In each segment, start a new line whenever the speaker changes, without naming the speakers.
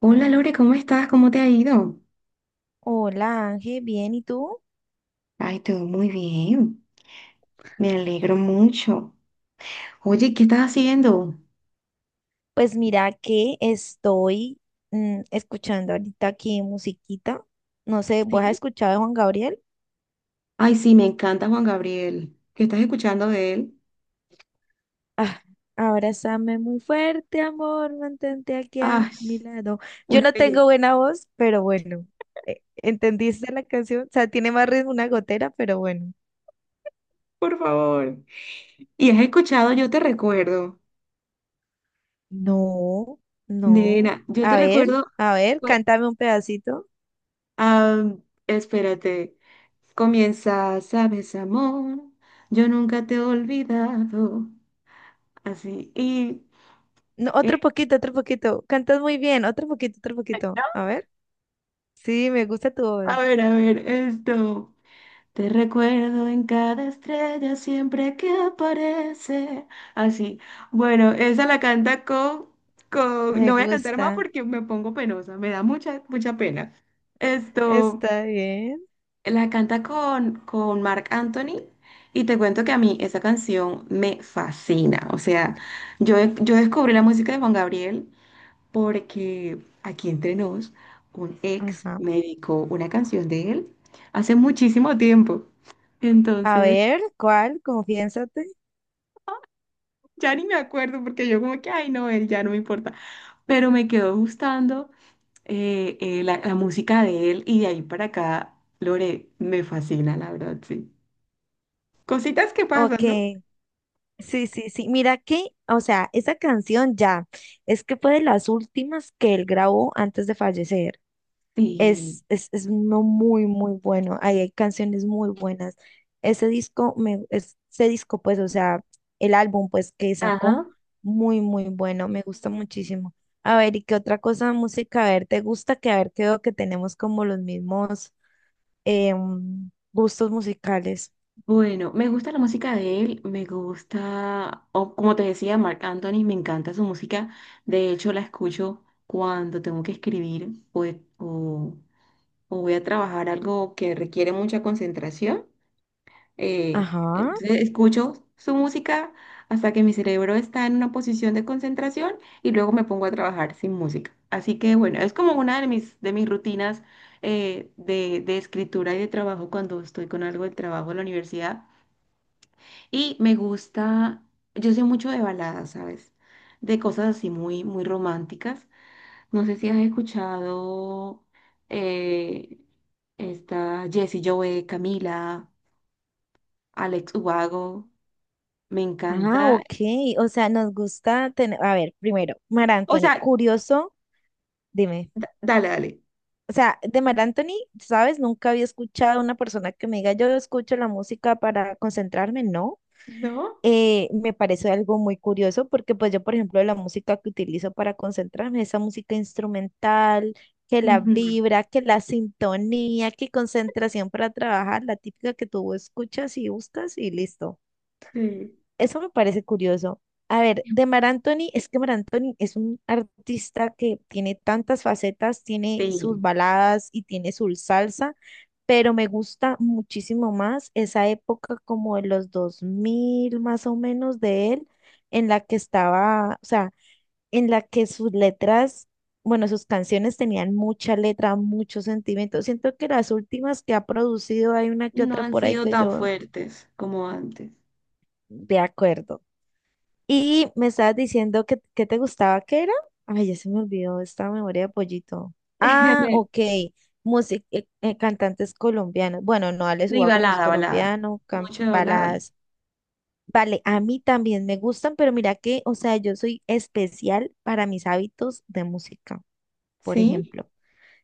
Hola Lore, ¿cómo estás? ¿Cómo te ha ido?
Hola Ángel, bien, ¿y tú?
Ay, todo muy bien. Me alegro mucho. Oye, ¿qué estás haciendo?
Pues mira que estoy escuchando ahorita aquí musiquita. No sé, ¿vos has
¿Sí?
escuchado de Juan Gabriel?
Ay, sí, me encanta Juan Gabriel. ¿Qué estás escuchando de él?
Ah, abrázame muy fuerte, amor, mantente aquí a
Ay,
mi lado. Yo
una
no
belleza,
tengo buena voz, pero bueno, ¿entendiste la canción? O sea, tiene más ritmo una gotera, pero bueno.
por favor. ¿Y has escuchado Yo te recuerdo?
No, no.
Nena, yo te
A ver,
recuerdo.
a ver,
fue-
cántame un pedacito.
ah, Espérate. Comienza, sabes, amor. Yo nunca te he olvidado. Así. Y.
No,
eh,
otro poquito, otro poquito. Cantas muy bien, otro poquito, otro
¿No?
poquito. A ver. Sí, me gusta tu
A
voz.
ver, a ver, esto. Te recuerdo en cada estrella siempre que aparece. Así. Bueno, esa la canta con, no
Me
voy a cantar más
gusta.
porque me pongo penosa. Me da mucha, mucha pena. Esto,
Está bien.
la canta con Marc Anthony. Y te cuento que a mí esa canción me fascina. O sea, yo descubrí la música de Juan Gabriel porque, aquí entre nos, un ex
Ajá.
me dedicó una canción de él hace muchísimo tiempo.
A
Entonces,
ver, ¿cuál? Confiésate.
ya ni me acuerdo porque yo como que, ay, no, él ya no me importa. Pero me quedó gustando la música de él, y de ahí para acá, Lore, me fascina, la verdad, sí. Cositas que
Ok.
pasan, ¿no?
Sí, sí, sí. Mira que, o sea, esa canción ya es que fue de las últimas que él grabó antes de fallecer.
Sí.
Es uno muy, muy bueno. Ahí hay canciones muy buenas. Ese disco, ese disco, pues, o sea, el álbum, pues, que sacó,
Ajá.
muy, muy bueno. Me gusta muchísimo. A ver, ¿y qué otra cosa de música? A ver, ¿te gusta? Que a ver, creo que tenemos como los mismos gustos musicales.
Bueno, me gusta la música de él, me gusta, o como te decía, Mark Anthony, me encanta su música. De hecho, la escucho cuando tengo que escribir o o voy a trabajar algo que requiere mucha concentración.
Ajá.
Entonces escucho su música hasta que mi cerebro está en una posición de concentración y luego me pongo a trabajar sin música. Así que bueno, es como una de mis rutinas de escritura y de trabajo cuando estoy con algo del trabajo de la universidad. Y me gusta, yo sé mucho de baladas, ¿sabes? De cosas así muy, muy románticas. No sé si has escuchado eh, esta Jessie Joe, Camila, Alex Ubago. Me
Ah,
encanta.
ok. O sea, nos gusta tener. A ver, primero, Mara
O
Anthony,
sea,
curioso, dime.
dale, dale.
O sea, de Mar Anthony, ¿sabes? Nunca había escuchado a una persona que me diga, yo escucho la música para concentrarme, ¿no?
¿No?
Me parece algo muy curioso porque pues yo, por ejemplo, la música que utilizo para concentrarme, esa música instrumental, que la
Ujú.
vibra, que la sintonía, que concentración para trabajar, la típica que tú escuchas y buscas y listo.
Sí.
Eso me parece curioso. A ver, de Mar Anthony, es que Mar Anthony es un artista que tiene tantas facetas, tiene sus
Sí,
baladas y tiene su salsa, pero me gusta muchísimo más esa época como de los 2000 más o menos de él, en la que estaba, o sea, en la que sus letras, bueno, sus canciones tenían mucha letra, mucho sentimiento. Siento que las últimas que ha producido hay una que
no
otra
han
por ahí
sido
que
tan
yo,
fuertes como antes.
de acuerdo. Y me estabas diciendo que te gustaba, ¿qué era? Ay, ya se me olvidó esta memoria de pollito. Ah, ok. Música, cantantes colombianos. Bueno, no, Alex
Y
Ubago no es
balada, balada.
colombiano,
Mucho de balada.
baladas. Vale, a mí también me gustan, pero mira que, o sea, yo soy especial para mis hábitos de música, por
¿Sí?
ejemplo.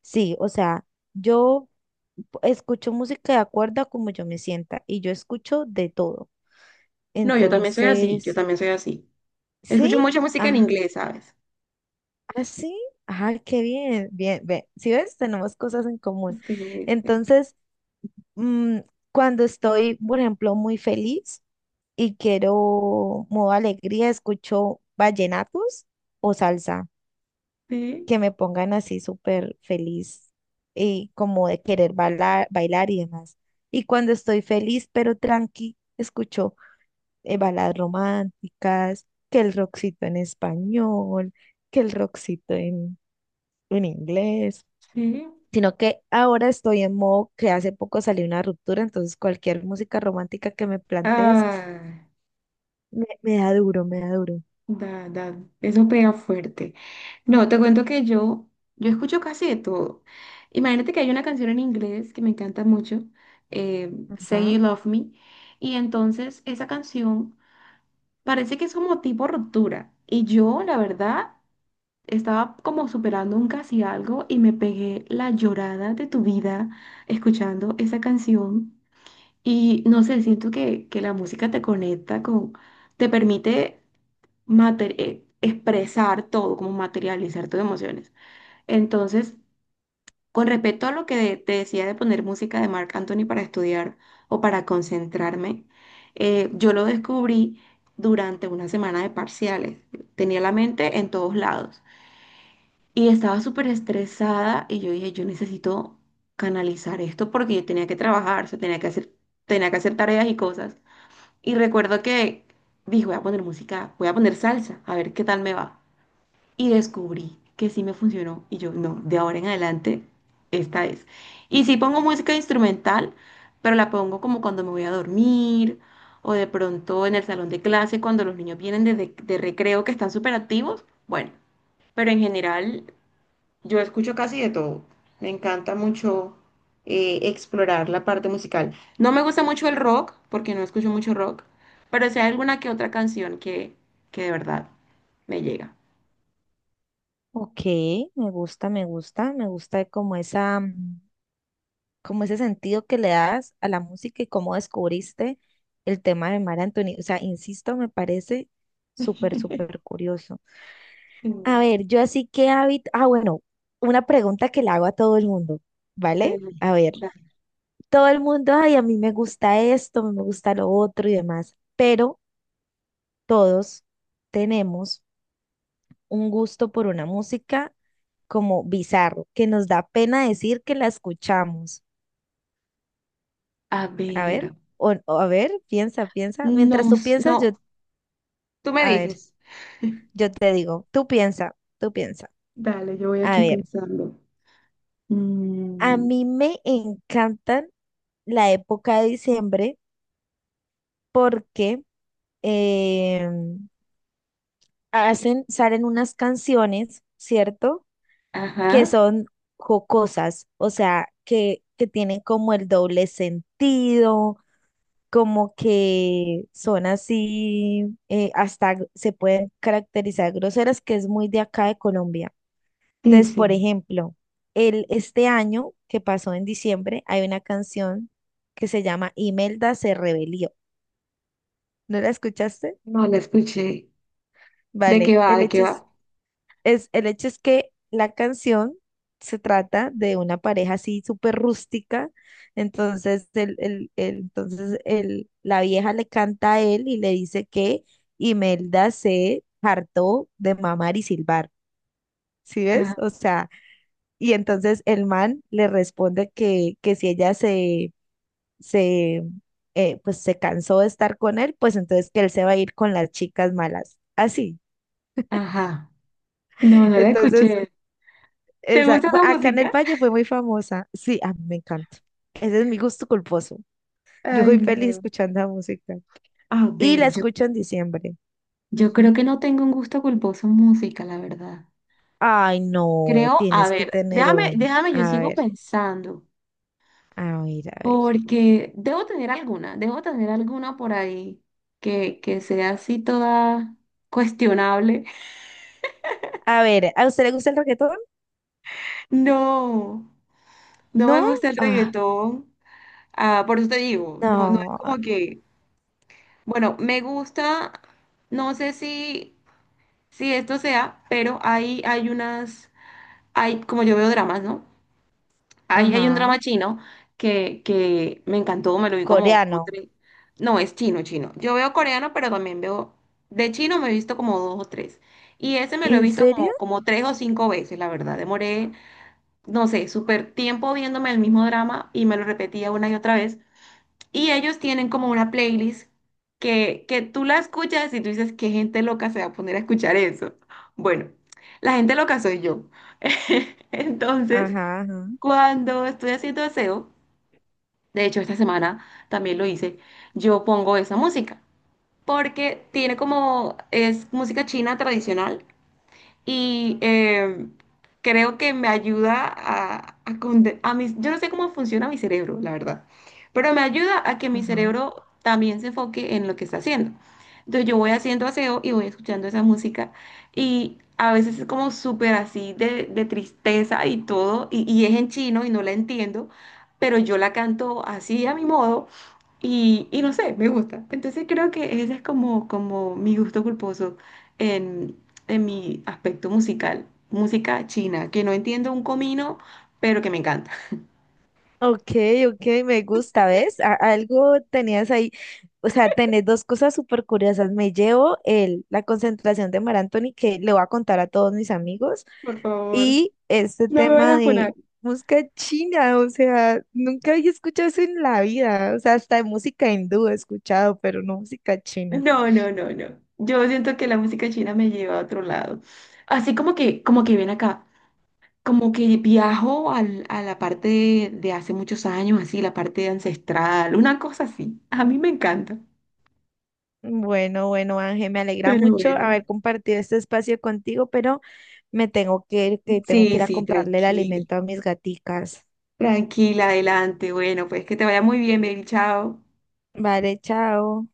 Sí, o sea, yo escucho música de acuerdo a como yo me sienta y yo escucho de todo.
No, yo también soy así, yo
Entonces,
también soy así.
sí.
Escucho mucha música en
ah,
inglés, ¿sabes?
¿Ah, sí? Ah, qué bien, bien, ve. Si ves, tenemos cosas en común.
Sí, sí,
Entonces, mm, cuando estoy, por ejemplo, muy feliz y quiero modo alegría, escucho vallenatos o salsa,
sí,
que me pongan así súper feliz y como de querer bailar, bailar y demás. Y cuando estoy feliz pero tranqui, escucho baladas románticas, que el rockcito en español, que el rockcito en inglés.
sí.
Sino que ahora estoy en modo que hace poco salió una ruptura, entonces cualquier música romántica que me plantees
Ah.
me, me da duro, me da duro.
Da, da, eso pega fuerte. No, te cuento que yo escucho casi de todo. Imagínate que hay una canción en inglés que me encanta mucho, Say
Ajá.
You Love Me, y entonces esa canción parece que es como tipo ruptura. Y yo, la verdad, estaba como superando un casi algo y me pegué la llorada de tu vida escuchando esa canción. Y no sé, siento que la música te conecta con, te permite expresar todo, como materializar tus emociones. Entonces, con respecto a lo que te decía de poner música de Marc Anthony para estudiar o para concentrarme, yo lo descubrí durante una semana de parciales. Tenía la mente en todos lados y estaba súper estresada y yo dije, yo necesito canalizar esto porque yo tenía que trabajar, o sea, tenía que hacer tareas y cosas. Y recuerdo que dije, voy a poner música, voy a poner salsa, a ver qué tal me va, y descubrí que sí me funcionó y yo, no, de ahora en adelante, esta es. Y sí pongo música instrumental, pero la pongo como cuando me voy a dormir o de pronto en el salón de clase cuando los niños vienen de recreo, que están súper activos. Bueno, pero en general yo escucho casi de todo. Me encanta mucho explorar la parte musical. No me gusta mucho el rock, porque no escucho mucho rock, pero si hay alguna que otra canción que de verdad me llega.
Ok, me gusta, me gusta, me gusta como esa, como ese sentido que le das a la música y cómo descubriste el tema de Mar Anthony. O sea, insisto, me parece súper, súper curioso. A ver, yo así que hábito, ah, bueno, una pregunta que le hago a todo el mundo, ¿vale?
Pregunta.
A ver.
Dale.
Todo el mundo, ay, a mí me gusta esto, me gusta lo otro y demás, pero todos tenemos un gusto por una música como bizarro, que nos da pena decir que la escuchamos.
A
A ver,
ver,
o a ver, piensa, piensa. Mientras
no,
tú piensas, yo,
no, tú me
a ver,
dices.
yo te digo, tú piensa, tú piensa.
Dale, yo voy
A
aquí
ver,
pensando.
a
Mm,
mí me encantan la época de diciembre porque em, hacen, salen unas canciones, ¿cierto? Que
ajá.
son jocosas, o sea, que tienen como el doble sentido, como que son así, hasta se pueden caracterizar groseras, que es muy de acá de Colombia.
Sí,
Entonces,
sí.
por ejemplo, el, este año que pasó en diciembre, hay una canción que se llama Imelda se rebelió. ¿No la escuchaste?
No la escuché. ¿De qué
Vale,
va?
el
¿De qué
hecho
va?
es. Es, el hecho es que la canción se trata de una pareja así súper rústica, entonces, entonces el, la vieja le canta a él y le dice que Imelda se hartó de mamar y silbar, ¿sí ves?
Ajá,
O sea, y entonces el man le responde que si ella se, pues se cansó de estar con él, pues entonces que él se va a ir con las chicas malas, así.
ajá. No, no la
Entonces,
escuché. ¿Te gusta esa
Acá en el
música?
Valle fue muy famosa. Sí, a mí me encanta. Ese es mi gusto culposo. Yo
Ay,
soy feliz
no.
escuchando la música.
A
Y
ver,
la escucho en diciembre.
yo creo
Ujú.
que no tengo un gusto culposo en música, la verdad.
Ay, no,
Creo, a
tienes que
ver,
tener
déjame,
uno.
déjame, yo
A
sigo
ver,
pensando.
a ver, a ver.
Porque debo tener alguna por ahí que sea así toda cuestionable.
A ver, ¿a usted le gusta el reggaetón?
No, no me
¿No?
gusta el
Ah,
reggaetón. Ah, por eso te digo, no, no
no.
es como que, bueno, me gusta, no sé si, si esto sea, pero hay unas, hay, como yo veo dramas, ¿no? Ahí hay un
Ajá.
drama chino que me encantó, me lo vi como, como
Coreano.
tres. No, es chino, chino. Yo veo coreano, pero también veo. De chino me he visto como dos o tres. Y ese me lo he
¿En
visto
serio?
como, como tres o cinco veces, la verdad. Demoré, no sé, súper tiempo viéndome el mismo drama y me lo repetía una y otra vez. Y ellos tienen como una playlist que tú la escuchas y tú dices, ¿qué gente loca se va a poner a escuchar eso? Bueno, la gente loca soy yo. Entonces.
Ajá, ajá,
Cuando estoy haciendo aseo, de hecho esta semana también lo hice, yo pongo esa música, porque tiene como, es música china tradicional, y creo que me ayuda a, yo no sé cómo funciona mi cerebro, la verdad, pero me ayuda a que mi
ajá.
cerebro también se enfoque en lo que está haciendo. Entonces yo voy haciendo aseo y voy escuchando esa música, y a veces es como súper así de tristeza y todo, y es en chino y no la entiendo, pero yo la canto así a mi modo y no sé, me gusta. Entonces creo que ese es como, como mi gusto culposo en, en mi aspecto musical. Música china, que no entiendo un comino, pero que me encanta.
Ok, ok, me gusta, ¿ves? Algo tenías ahí, o sea, tenés dos cosas súper curiosas. Me llevo el, la concentración de Mar Anthony, que le voy a contar a todos mis amigos,
Por favor,
y este
no me
tema
vayas a
de
funar.
música china, o sea, nunca había escuchado eso en la vida, o sea, hasta de música hindú he escuchado, pero no música china.
No, no, no, no. Yo siento que la música china me lleva a otro lado. Así como que ven acá, como que viajo a la parte de hace muchos años, así, la parte ancestral, una cosa así. A mí me encanta.
Bueno, bueno, Ángel, me alegra
Pero
mucho
bueno,
haber compartido este espacio contigo, pero me tengo que ir, que tengo que
sí,
ir a
sí,
comprarle el
tranquilo.
alimento a mis gaticas.
Tranquila, adelante. Bueno, pues que te vaya muy bien, baby. Chao.
Vale, chao.